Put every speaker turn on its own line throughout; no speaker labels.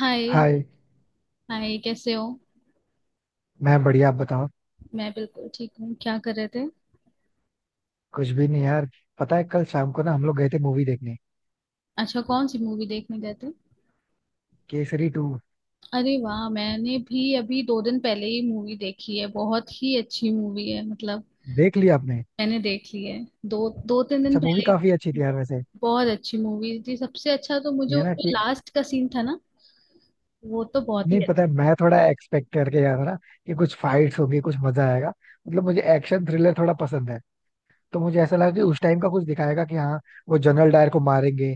हाय।
Hi.
Hi, कैसे हो?
मैं बढ़िया, आप बताओ।
मैं बिल्कुल ठीक हूँ। क्या कर रहे थे?
कुछ भी नहीं यार। पता है कल शाम को ना हम लोग गए थे मूवी देखने।
अच्छा, कौन सी मूवी देखने गए थे?
केसरी टू।
अरे वाह! मैंने भी अभी दो दिन पहले ही मूवी देखी है। बहुत ही अच्छी मूवी है मतलब।
देख लिया आपने?
मैंने देख ली है, दो दो तीन दिन
अच्छा मूवी
पहले ही
काफी अच्छी थी
देखी।
यार वैसे।
बहुत अच्छी मूवी थी। सबसे अच्छा तो मुझे
ये ना
उसमें
कि
लास्ट का सीन था ना, वो तो बहुत ही
नहीं, पता
अच्छा।
है मैं थोड़ा एक्सपेक्ट करके गया था ना कि कुछ फाइट्स होगी, कुछ मजा आएगा। मतलब मुझे एक्शन थ्रिलर थोड़ा पसंद है, तो मुझे ऐसा लगा कि उस टाइम का कुछ दिखाएगा कि हाँ, वो जनरल डायर को मारेंगे।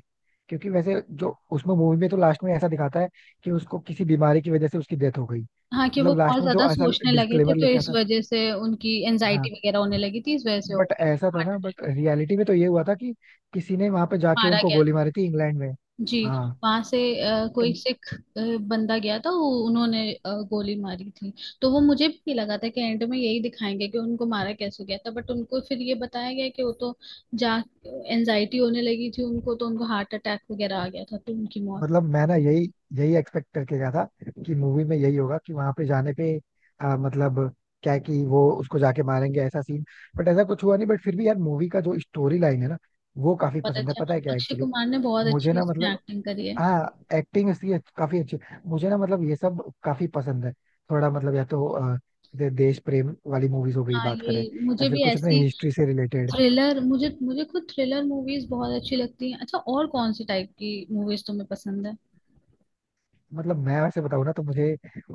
क्योंकि वैसे जो उसमें मूवी में तो लास्ट में ऐसा दिखाता है कि उसको किसी बीमारी की वजह से उसकी डेथ हो गई।
हाँ, कि वो
मतलब लास्ट
बहुत
में
ज्यादा
जो ऐसा
सोचने लगे थे
डिस्क्लेमर
तो
लिखा
इस
था।
वजह से उनकी एनजाइटी
हाँ,
वगैरह होने लगी थी, इस वजह से हो
बट
गई।
ऐसा था ना, बट रियलिटी में तो ये हुआ था कि किसी ने वहां पे जाके
मारा।
उनको गोली मारी थी इंग्लैंड में।
जी।
हाँ,
वहां से
तो
कोई सिख बंदा गया था, वो उन्होंने गोली मारी थी। तो वो मुझे भी लगा था कि एंड में यही दिखाएंगे कि उनको मारा कैसे गया था, बट उनको फिर ये बताया गया कि वो तो जा एनजाइटी होने लगी थी उनको, तो उनको हार्ट अटैक वगैरह आ गया था तो उनकी मौत।
मतलब मैं ना यही यही एक्सपेक्ट करके गया था कि मूवी में यही होगा कि वहां पे जाने पे मतलब क्या है कि वो उसको जाके मारेंगे, ऐसा सीन। बट ऐसा कुछ हुआ नहीं। बट फिर भी यार मूवी का जो स्टोरी लाइन है ना, वो काफी
बहुत
पसंद है।
अच्छा।
पता है क्या
अक्षय
एक्चुअली,
कुमार ने बहुत
मुझे
अच्छी
ना
इसमें
मतलब,
एक्टिंग करी है।
हाँ एक्टिंग उसकी काफी अच्छी। मुझे ना मतलब ये सब काफी पसंद है। थोड़ा मतलब या तो जैसे देश प्रेम वाली मूवीज हो गई
हाँ,
बात करें,
ये
या
मुझे
फिर
भी
कुछ अपने
ऐसी,
हिस्ट्री से रिलेटेड।
थ्रिलर मुझे मुझे खुद थ्रिलर मूवीज बहुत अच्छी लगती हैं। अच्छा, और कौन सी टाइप की मूवीज तुम्हें पसंद है?
मतलब मैं वैसे बताऊँ ना तो मुझे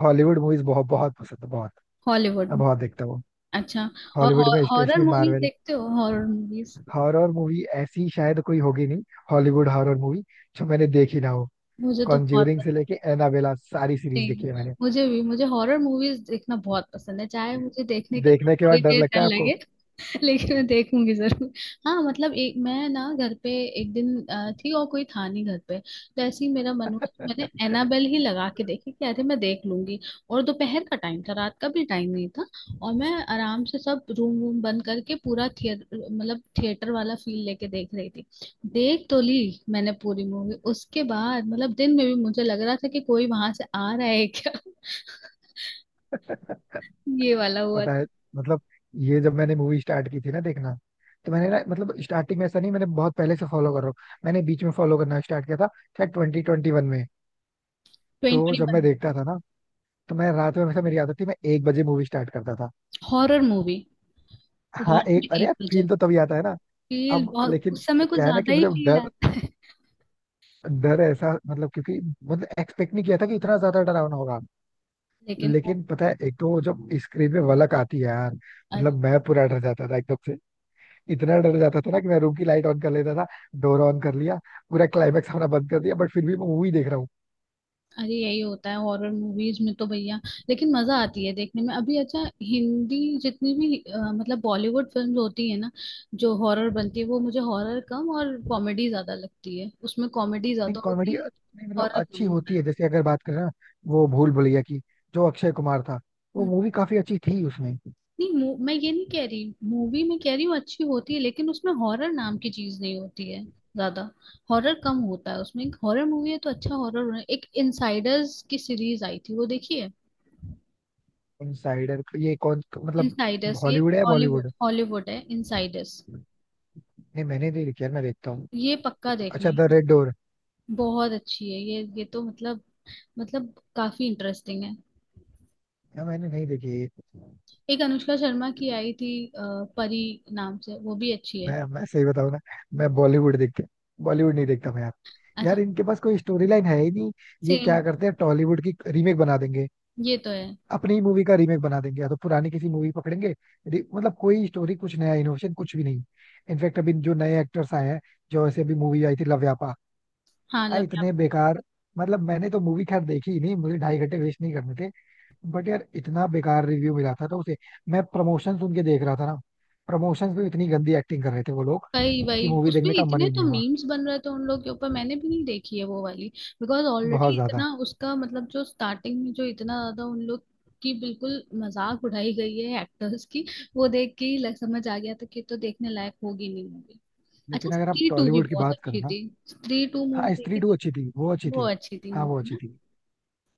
हॉलीवुड मूवीज बहुत बहुत पसंद है, बहुत।
हॉलीवुड?
मैं बहुत देखता हूँ।
अच्छा, और
हॉलीवुड में
हॉरर
स्पेशली
मूवीज
मार्वल।
देखते हो? Horror movies?
हॉरर मूवी ऐसी शायद कोई होगी नहीं, हॉलीवुड हॉरर मूवी, जो मैंने देखी ना हो।
मुझे तो बहुत
कॉन्ज्यूरिंग से
पसंद
लेके एनाबेला सारी
है।
सीरीज देखी है मैंने।
मुझे भी, मुझे हॉरर मूवीज देखना बहुत पसंद है, चाहे मुझे देखने के बाद
देखने के
थोड़ी
बाद डर
देर
लगता
डर
है आपको?
लगे। लेकिन मैं देखूंगी जरूर। हाँ मतलब एक मैं ना घर पे एक दिन थी और कोई था नहीं घर पे, तो ऐसे ही मेरा मन हुआ तो मैंने एनाबेल ही लगा के देखी कि अरे मैं देख लूंगी। और दोपहर का टाइम था, रात का भी टाइम नहीं था। और मैं आराम से सब रूम वूम बंद करके पूरा थिएटर, मतलब थिएटर वाला फील लेके देख रही थी। देख तो ली मैंने पूरी मूवी, उसके बाद मतलब दिन में भी मुझे लग रहा था कि कोई वहां से आ रहा है क्या? ये वाला हुआ
पता
था।
है, मतलब ये जब मैंने मूवी स्टार्ट की थी ना देखना, तो मैंने ना मतलब स्टार्टिंग में ऐसा नहीं, मैंने बहुत पहले से फॉलो कर रहा हूँ। मैंने बीच में फॉलो करना स्टार्ट किया था शायद 2021 में। तो
ट्वेंटी।
जब मैं देखता था ना, तो मैं रात में, हमेशा मेरी आदत थी, मैं 1 बजे मूवी स्टार्ट करता था।
Horror movie?
हाँ,
रात में
एक, अरे
एक
यार
बजे
फील तो तभी आता है ना।
फील
अब
बहुत,
लेकिन
उस समय कुछ
क्या है ना कि
ज्यादा ही
मुझे
फील
डर
आता है।
डर ऐसा मतलब, क्योंकि मतलब एक्सपेक्ट नहीं किया था कि इतना ज्यादा डरावना होगा।
लेकिन।
लेकिन पता है, एक तो जब स्क्रीन पे वलक आती है यार,
अरे!
मतलब मैं पूरा डर जाता था एकदम से। इतना डर जाता था ना कि मैं रूम की लाइट ऑन कर लेता था। डोर ऑन कर लिया, पूरा क्लाइमेक्स हमारा बंद कर दिया, बट फिर भी मैं मूवी देख रहा हूँ।
अरे, यही होता है हॉरर मूवीज में तो भैया। लेकिन मजा आती है देखने में। अभी अच्छा, हिंदी जितनी भी मतलब बॉलीवुड फिल्म होती है ना, जो हॉरर बनती है वो मुझे हॉरर कम और कॉमेडी ज्यादा लगती है, उसमें कॉमेडी
लेकिन
ज्यादा
कॉमेडी
होती है।
मतलब
हॉरर
अच्छी
कम
होती है।
होता
जैसे अगर बात करें ना, वो भूल भुलैया की, जो अक्षय कुमार था,
है।
वो मूवी काफी अच्छी थी उसमें।
नहीं, मैं ये नहीं कह रही, मूवी में कह रही हूँ अच्छी होती है, लेकिन उसमें हॉरर नाम की चीज नहीं होती है ज्यादा। हॉरर कम होता है उसमें। हॉरर मूवी है तो अच्छा हॉरर होना। एक इनसाइडर्स की सीरीज आई थी, वो देखी है?
इनसाइडर ये कौन मतलब,
इनसाइडर्स ये।
हॉलीवुड है
हॉलीवुड।
बॉलीवुड?
हॉलीवुड है इनसाइडर्स।
नहीं, मैंने नहीं देखी यार, मैं देखता हूँ।
ये पक्का देखना
अच्छा, द
है।
रेड डोर,
बहुत अच्छी है ये तो मतलब काफी इंटरेस्टिंग है।
यार मैंने नहीं देखी ये।
एक अनुष्का शर्मा की आई थी परी नाम से, वो भी अच्छी है।
मैं सही बताऊँ ना, मैं बॉलीवुड देखते बॉलीवुड नहीं देखता मैं यार।
अच्छा।
यार इनके पास कोई स्टोरी लाइन है ही नहीं। ये
सेम।
क्या करते हैं, टॉलीवुड की रीमेक बना देंगे,
ये तो है।
अपनी मूवी का रीमेक बना देंगे, या तो पुरानी किसी मूवी पकड़ेंगे। मतलब कोई स्टोरी, कुछ नया, इनोवेशन कुछ भी नहीं। इनफैक्ट अभी जो नए एक्टर्स आए हैं, जो ऐसे अभी मूवी आई थी लव व्यापा,
हाँ, लव।
इतने बेकार। मतलब मैंने तो मूवी खैर देखी ही नहीं, मुझे 2.5 घंटे वेस्ट नहीं करने थे। बट यार इतना बेकार रिव्यू मिला था तो उसे, मैं प्रमोशन सुन के देख रहा था ना, प्रमोशन पे इतनी गंदी एक्टिंग कर रहे थे वो लोग
वही वही,
कि मूवी
उसमें
देखने का मन
इतने
ही
तो
नहीं हुआ।
मीम्स बन रहे थे उन लोग के ऊपर, मैंने भी नहीं देखी है वो वाली। बिकॉज ऑलरेडी
बहुत ज्यादा।
इतना उसका मतलब, जो स्टार्टिंग में जो इतना ज्यादा उन लोग की बिल्कुल मजाक उड़ाई गई है एक्टर्स की, वो देख के ही समझ आ गया था कि ये तो देखने लायक होगी नहीं मूवी। अच्छा,
लेकिन अगर आप
स्त्री टू भी
टॉलीवुड की
बहुत
बात करो
अच्छी
ना,
थी। स्त्री टू मूवी
हाँ स्त्री
देखी
टू
थी?
अच्छी थी, वो अच्छी
वो
थी।
अच्छी थी
हाँ वो
मूवी
अच्छी
ना।
थी।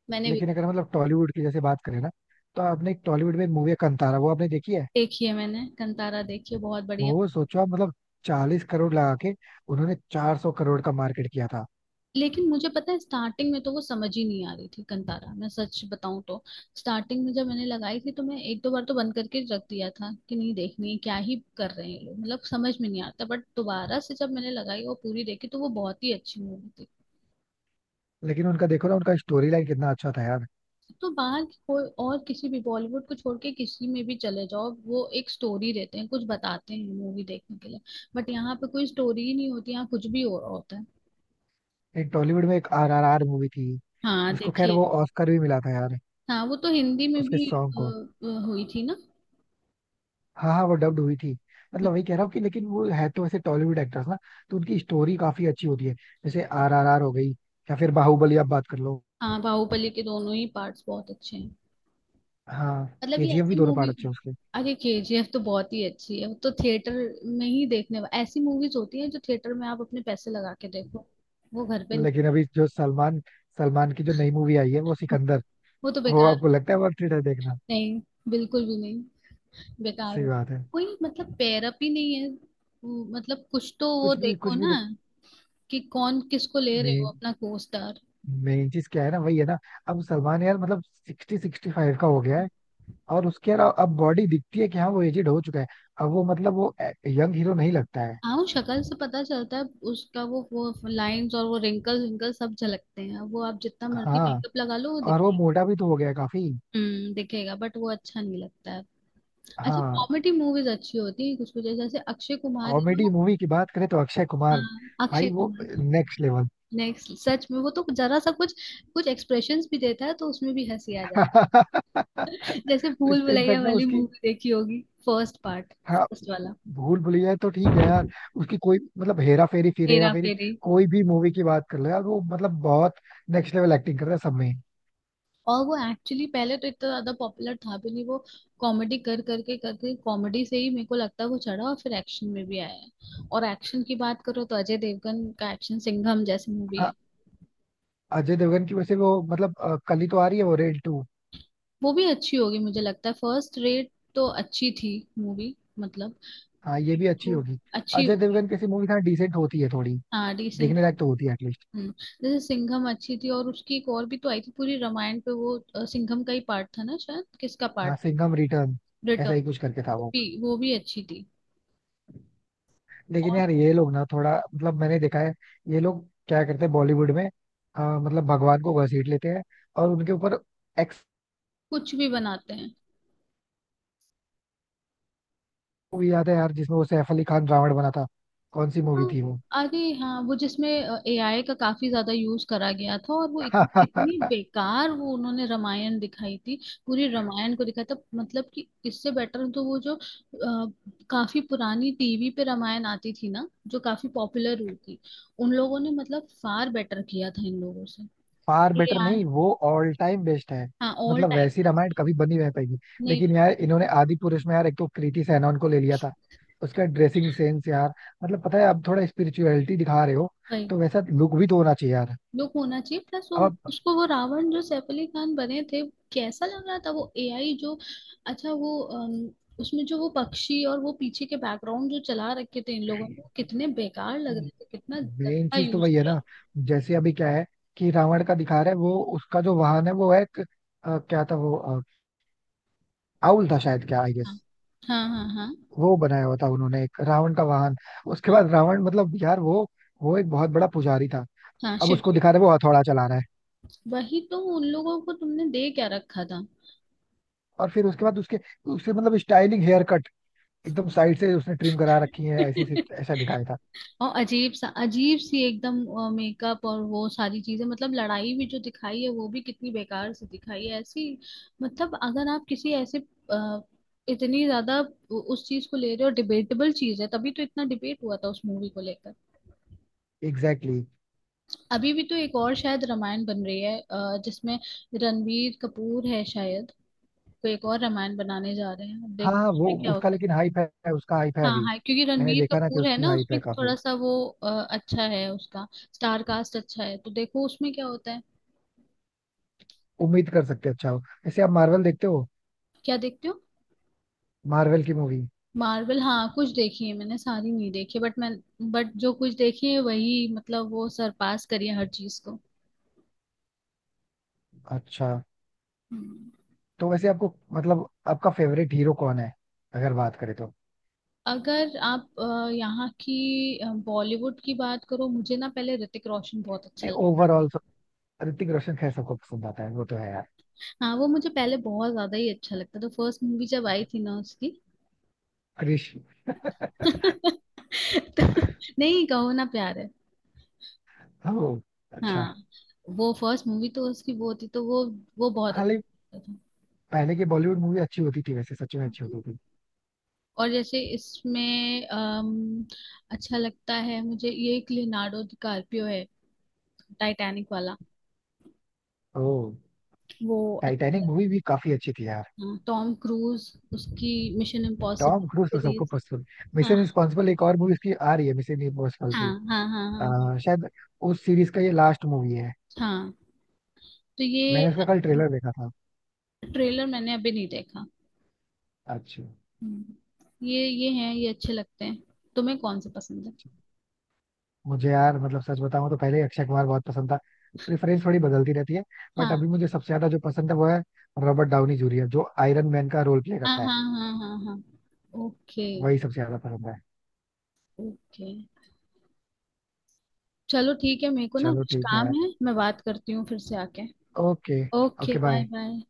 मैंने भी
लेकिन अगर मतलब टॉलीवुड की जैसे बात करें ना, तो आपने एक टॉलीवुड में एक मूवी है कांतारा, वो आपने देखी है?
देखी है, मैंने कंतारा देखी है, बहुत बढ़िया।
वो सोचो आप, मतलब 40 करोड़ लगा के उन्होंने 400 करोड़ का मार्केट किया था।
लेकिन मुझे पता है स्टार्टिंग में तो वो समझ ही नहीं आ रही थी कंतारा, मैं सच बताऊं तो। स्टार्टिंग में जब मैंने लगाई थी तो मैं एक दो बार तो बंद करके रख दिया था कि नहीं देखनी है, क्या ही कर रहे हैं ये लोग, मतलब समझ में नहीं आता। बट दोबारा से जब मैंने लगाई और पूरी देखी तो वो बहुत ही अच्छी मूवी थी।
लेकिन उनका देखो ना, उनका स्टोरी लाइन कितना अच्छा था यार।
तो बाहर की कोई और, किसी भी बॉलीवुड को छोड़ के किसी में भी चले जाओ, वो एक स्टोरी देते हैं, कुछ बताते हैं मूवी देखने के लिए। बट यहाँ पे कोई स्टोरी ही नहीं होती, यहाँ कुछ भी हो रहा होता है।
एक टॉलीवुड में एक RRR मूवी थी,
हाँ,
जिसको खैर
देखिए।
वो ऑस्कर भी मिला था यार,
हाँ, वो तो हिंदी में
उसके
भी
सॉन्ग
अ,
को।
हुई थी ना।
हाँ हाँ, वो डब्ड हुई थी। मतलब वही कह रहा हूँ कि लेकिन वो है तो वैसे टॉलीवुड एक्टर्स ना, तो उनकी स्टोरी काफी अच्छी होती है। जैसे RRR हो गई, या फिर बाहुबली आप बात कर लो।
हाँ, बाहुबली के दोनों ही पार्ट्स बहुत अच्छे हैं।
हाँ।
मतलब ये
केजीएफ भी
ऐसी
दोनों पार्ट
मूवीज है।
अच्छे हैं।
अरे केजीएफ तो बहुत ही अच्छी है, वो तो थिएटर में ही देखने ऐसी मूवीज होती हैं जो थिएटर में आप अपने पैसे लगा के देखो। वो घर पे नहीं।
लेकिन अभी जो सलमान सलमान की जो नई मूवी आई है, वो सिकंदर,
वो तो
वो
बेकार।
आपको लगता है वर्थ इट है देखना?
नहीं। बिल्कुल भी नहीं। बेकार
सही
हो।
बात है।
कोई मतलब पैरअप ही नहीं है। वो मतलब कुछ तो वो
कुछ भी,
देखो
कुछ भी
ना,
देख।
कि कौन किसको ले रहे हो
मेन
अपना को स्टार।
मेन चीज क्या है ना, वही है ना। अब सलमान यार मतलब 60-65 का हो गया है, और उसके अलावा अब बॉडी दिखती है कि हाँ वो एजेड हो चुका है। अब वो मतलब वो यंग हीरो नहीं लगता है।
हाँ, वो शक्ल से पता चलता है। उसका वो लाइंस और वो रिंकल्स विंकल्स सब झलकते हैं, वो आप जितना मर्जी
हाँ,
मेकअप लगा लो वो
और वो
दिखेगा।
मोटा भी तो हो गया है काफी।
दिखेगा, बट वो अच्छा नहीं लगता है। अच्छा,
हाँ,
कॉमेडी मूवीज अच्छी होती है कुछ कुछ, जैसे अक्षय कुमार है ना
कॉमेडी
वो।
मूवी की बात करें तो अक्षय कुमार,
हाँ, अक्षय
भाई वो
कुमार।
Next level.
नेक्स्ट सच में, वो तो जरा सा कुछ कुछ एक्सप्रेशंस भी देता है तो उसमें भी हंसी आ जाती है, जैसे भूल भुलैया
इनफैक्ट ना
वाली
उसकी,
मूवी देखी होगी, फर्स्ट पार्ट।
हाँ
फर्स्ट वाला।
भूल भुलैया है तो ठीक है यार। उसकी कोई मतलब हेरा फेरी, फिर हेरा
हेरा
फेरी,
फेरी।
कोई भी मूवी की बात कर लो यार, वो मतलब बहुत नेक्स्ट लेवल एक्टिंग कर रहा है सब में।
और वो एक्चुअली पहले तो इतना ज्यादा पॉपुलर था भी नहीं वो, कॉमेडी कर करके करके कॉमेडी से ही मेरे को लगता है वो चढ़ा, और फिर एक्शन में भी आया है। और एक्शन की बात करो तो अजय देवगन का एक्शन, सिंघम जैसी मूवी
हाँ,
है।
अजय देवगन की वैसे वो मतलब कल ही तो आ रही है वो रेड टू।
वो भी अच्छी होगी मुझे लगता है, फर्स्ट रेट तो अच्छी थी मूवी मतलब।
हाँ ये भी अच्छी
तो
होगी।
अच्छी
अजय
होगी।
देवगन कैसी मूवी था, डिसेंट होती है थोड़ी,
हाँ, डिसेंट
देखने लायक तो
होगी।
होती है एटलीस्ट।
हम्म। जैसे सिंघम अच्छी थी, और उसकी एक और भी तो आई थी पूरी रामायण पे वो, सिंघम का ही पार्ट था ना शायद, किसका
हाँ
पार्ट?
Singham return,
return.
ऐसा ही कुछ करके था
वो
वो।
भी वो भी अच्छी थी।
लेकिन
और
यार ये लोग ना थोड़ा मतलब मैंने देखा है, ये लोग क्या करते हैं बॉलीवुड में, मतलब भगवान को घसीट लेते हैं और उनके ऊपर
कुछ भी बनाते हैं।
मूवी। याद है यार जिसमें वो सैफ अली खान रावण बना था, कौन सी मूवी
हाँ,
थी वो?
अरे हाँ, वो जिसमें एआई का काफी ज्यादा यूज करा गया था, और वो इतनी इतनी बेकार वो उन्होंने रामायण दिखाई थी। पूरी रामायण को दिखाया था मतलब, कि इससे बेटर तो वो जो काफी पुरानी टीवी पे रामायण आती थी ना, जो काफी पॉपुलर हुई थी, उन लोगों ने मतलब फार बेटर किया था इन लोगों से।
फार बेटर नहीं,
एआई।
वो ऑल टाइम बेस्ट है।
हाँ, ऑल
मतलब
टाइम।
वैसी रामायण कभी बनी नहीं पाएगी।
नहीं।
लेकिन यार इन्होंने आदि पुरुष में यार, एक तो कृति सैनन को ले लिया था, उसका ड्रेसिंग सेंस यार, मतलब पता है अब थोड़ा स्पिरिचुअलिटी दिखा रहे हो तो वैसा लुक भी तो होना चाहिए यार।
लुक होना चाहिए प्लस वो,
अब
उसको वो रावण जो सैफ अली खान बने थे कैसा लग रहा था वो, एआई जो, अच्छा वो उसमें जो वो पक्षी और वो पीछे के बैकग्राउंड जो चला रखे थे इन लोगों ने, वो कितने बेकार लग रहे थे, कितना
मेन
गंदा
चीज तो
यूज
वही है
किया
ना। जैसे अभी क्या है कि रावण का दिखा रहा है, वो उसका जो वाहन है वो है एक, अ, क्या था वो अ, आउल था शायद, क्या आई।
था। हाँ हाँ हाँ हाँ
वो बनाया हुआ था उन्होंने एक रावण का वाहन। उसके
हाँ।
बाद रावण मतलब यार वो एक बहुत बड़ा पुजारी था।
हाँ,
अब
शिव
उसको
जी।
दिखा रहे वो हथौड़ा चला रहा है।
वही तो, उन लोगों को तुमने दे क्या रखा था?
और फिर उसके बाद उसके उसके मतलब स्टाइलिंग हेयर कट, एकदम साइड से उसने ट्रिम करा रखी है ऐसी से ऐसा दिखाया था।
और अजीब सा अजीब सी एकदम मेकअप, और वो सारी चीजें मतलब लड़ाई भी जो दिखाई है वो भी कितनी बेकार से दिखाई है ऐसी। मतलब अगर आप किसी ऐसे अ, इतनी ज्यादा उस चीज को ले रहे हो, डिबेटेबल चीज है तभी तो इतना डिबेट हुआ था उस मूवी को लेकर।
Exactly, exactly.
अभी भी तो एक और शायद रामायण बन रही है जिसमें रणबीर कपूर है शायद। कोई एक और रामायण बनाने जा रहे हैं, अब
हाँ
देखो
हाँ, वो
उसमें क्या
उसका
होता है।
लेकिन हाइप है, उसका हाइप है
हाँ
अभी।
हाँ, क्योंकि
मैंने
रणवीर
देखा ना कि
कपूर है
उसकी
ना
हाइप
उसमें
है
थोड़ा
काफी,
सा वो, अच्छा है उसका स्टार कास्ट, अच्छा है तो देखो उसमें क्या होता है।
उम्मीद कर सकते हैं अच्छा हो। वैसे आप मार्वल देखते हो?
क्या देखते हो?
मार्वल की मूवी।
मार्वल? हाँ, कुछ देखी है मैंने, सारी नहीं देखी बट मैं, बट जो कुछ देखी है वही मतलब वो सरपास करी है हर चीज को।
अच्छा,
हम्म।
तो वैसे आपको मतलब आपका फेवरेट हीरो कौन है, अगर बात करें तो?
अगर आप यहाँ की बॉलीवुड की बात करो, मुझे ना पहले ऋतिक रोशन बहुत अच्छा
नहीं
लगता
ओवरऑल। ऋतिक रोशन खैर सबको पसंद आता है, वो तो है यार।
था। हाँ, वो मुझे पहले बहुत ज्यादा ही अच्छा लगता था, फर्स्ट मूवी जब आई थी ना उसकी।
हरीश।
तो नहीं, कहो ना प्यार है।
ओ, अच्छा।
हाँ, वो फर्स्ट मूवी तो उसकी वो थी, तो वो बहुत
हाँ, लेकिन
अच्छा था।
पहले की बॉलीवुड मूवी अच्छी होती थी वैसे, सच में अच्छी होती थी।
और जैसे इसमें अच्छा लगता है मुझे ये एक, लियोनार्डो डिकार्पियो है, टाइटैनिक वाला।
ओ,
वो
टाइटैनिक
अच्छा
मूवी भी काफी अच्छी थी यार।
लगता है टॉम क्रूज, उसकी मिशन
टॉम क्रूज
इम्पॉसिबल
तो सबको
सीरीज।
पसंद।
हाँ
मिशन इम्पॉसिबल एक और मूवी इसकी आ रही है, मिशन इम्पॉसिबल
हाँ
की।
हाँ हाँ हाँ। हाँ,
शायद उस सीरीज का ये लास्ट मूवी है।
हाँ, तो
मैंने
ये।
उसका कल ट्रेलर देखा था।
ट्रेलर मैंने अभी नहीं देखा।
अच्छा।
हम्म। ये हैं, ये अच्छे लगते हैं। तुम्हें कौन से पसंद है?
मुझे यार मतलब सच बताऊं तो पहले ही अक्षय कुमार बहुत पसंद था। प्रेफरेंस थोड़ी बदलती रहती है। बट
हाँ
अभी मुझे सबसे ज्यादा जो पसंद है वो है रॉबर्ट डाउनी जूनियर, जो आयरन मैन का रोल प्ले
हाँ
करता है।
हाँ हाँ हाँ हाँ। ओके।
वही सबसे ज्यादा पसंद है।
ओके, चलो ठीक है, मेरे को ना
चलो
कुछ
ठीक
काम
है।
है, मैं बात करती हूँ फिर से आके।
Okay.
Okay,
okay
bye
bye.
Bye.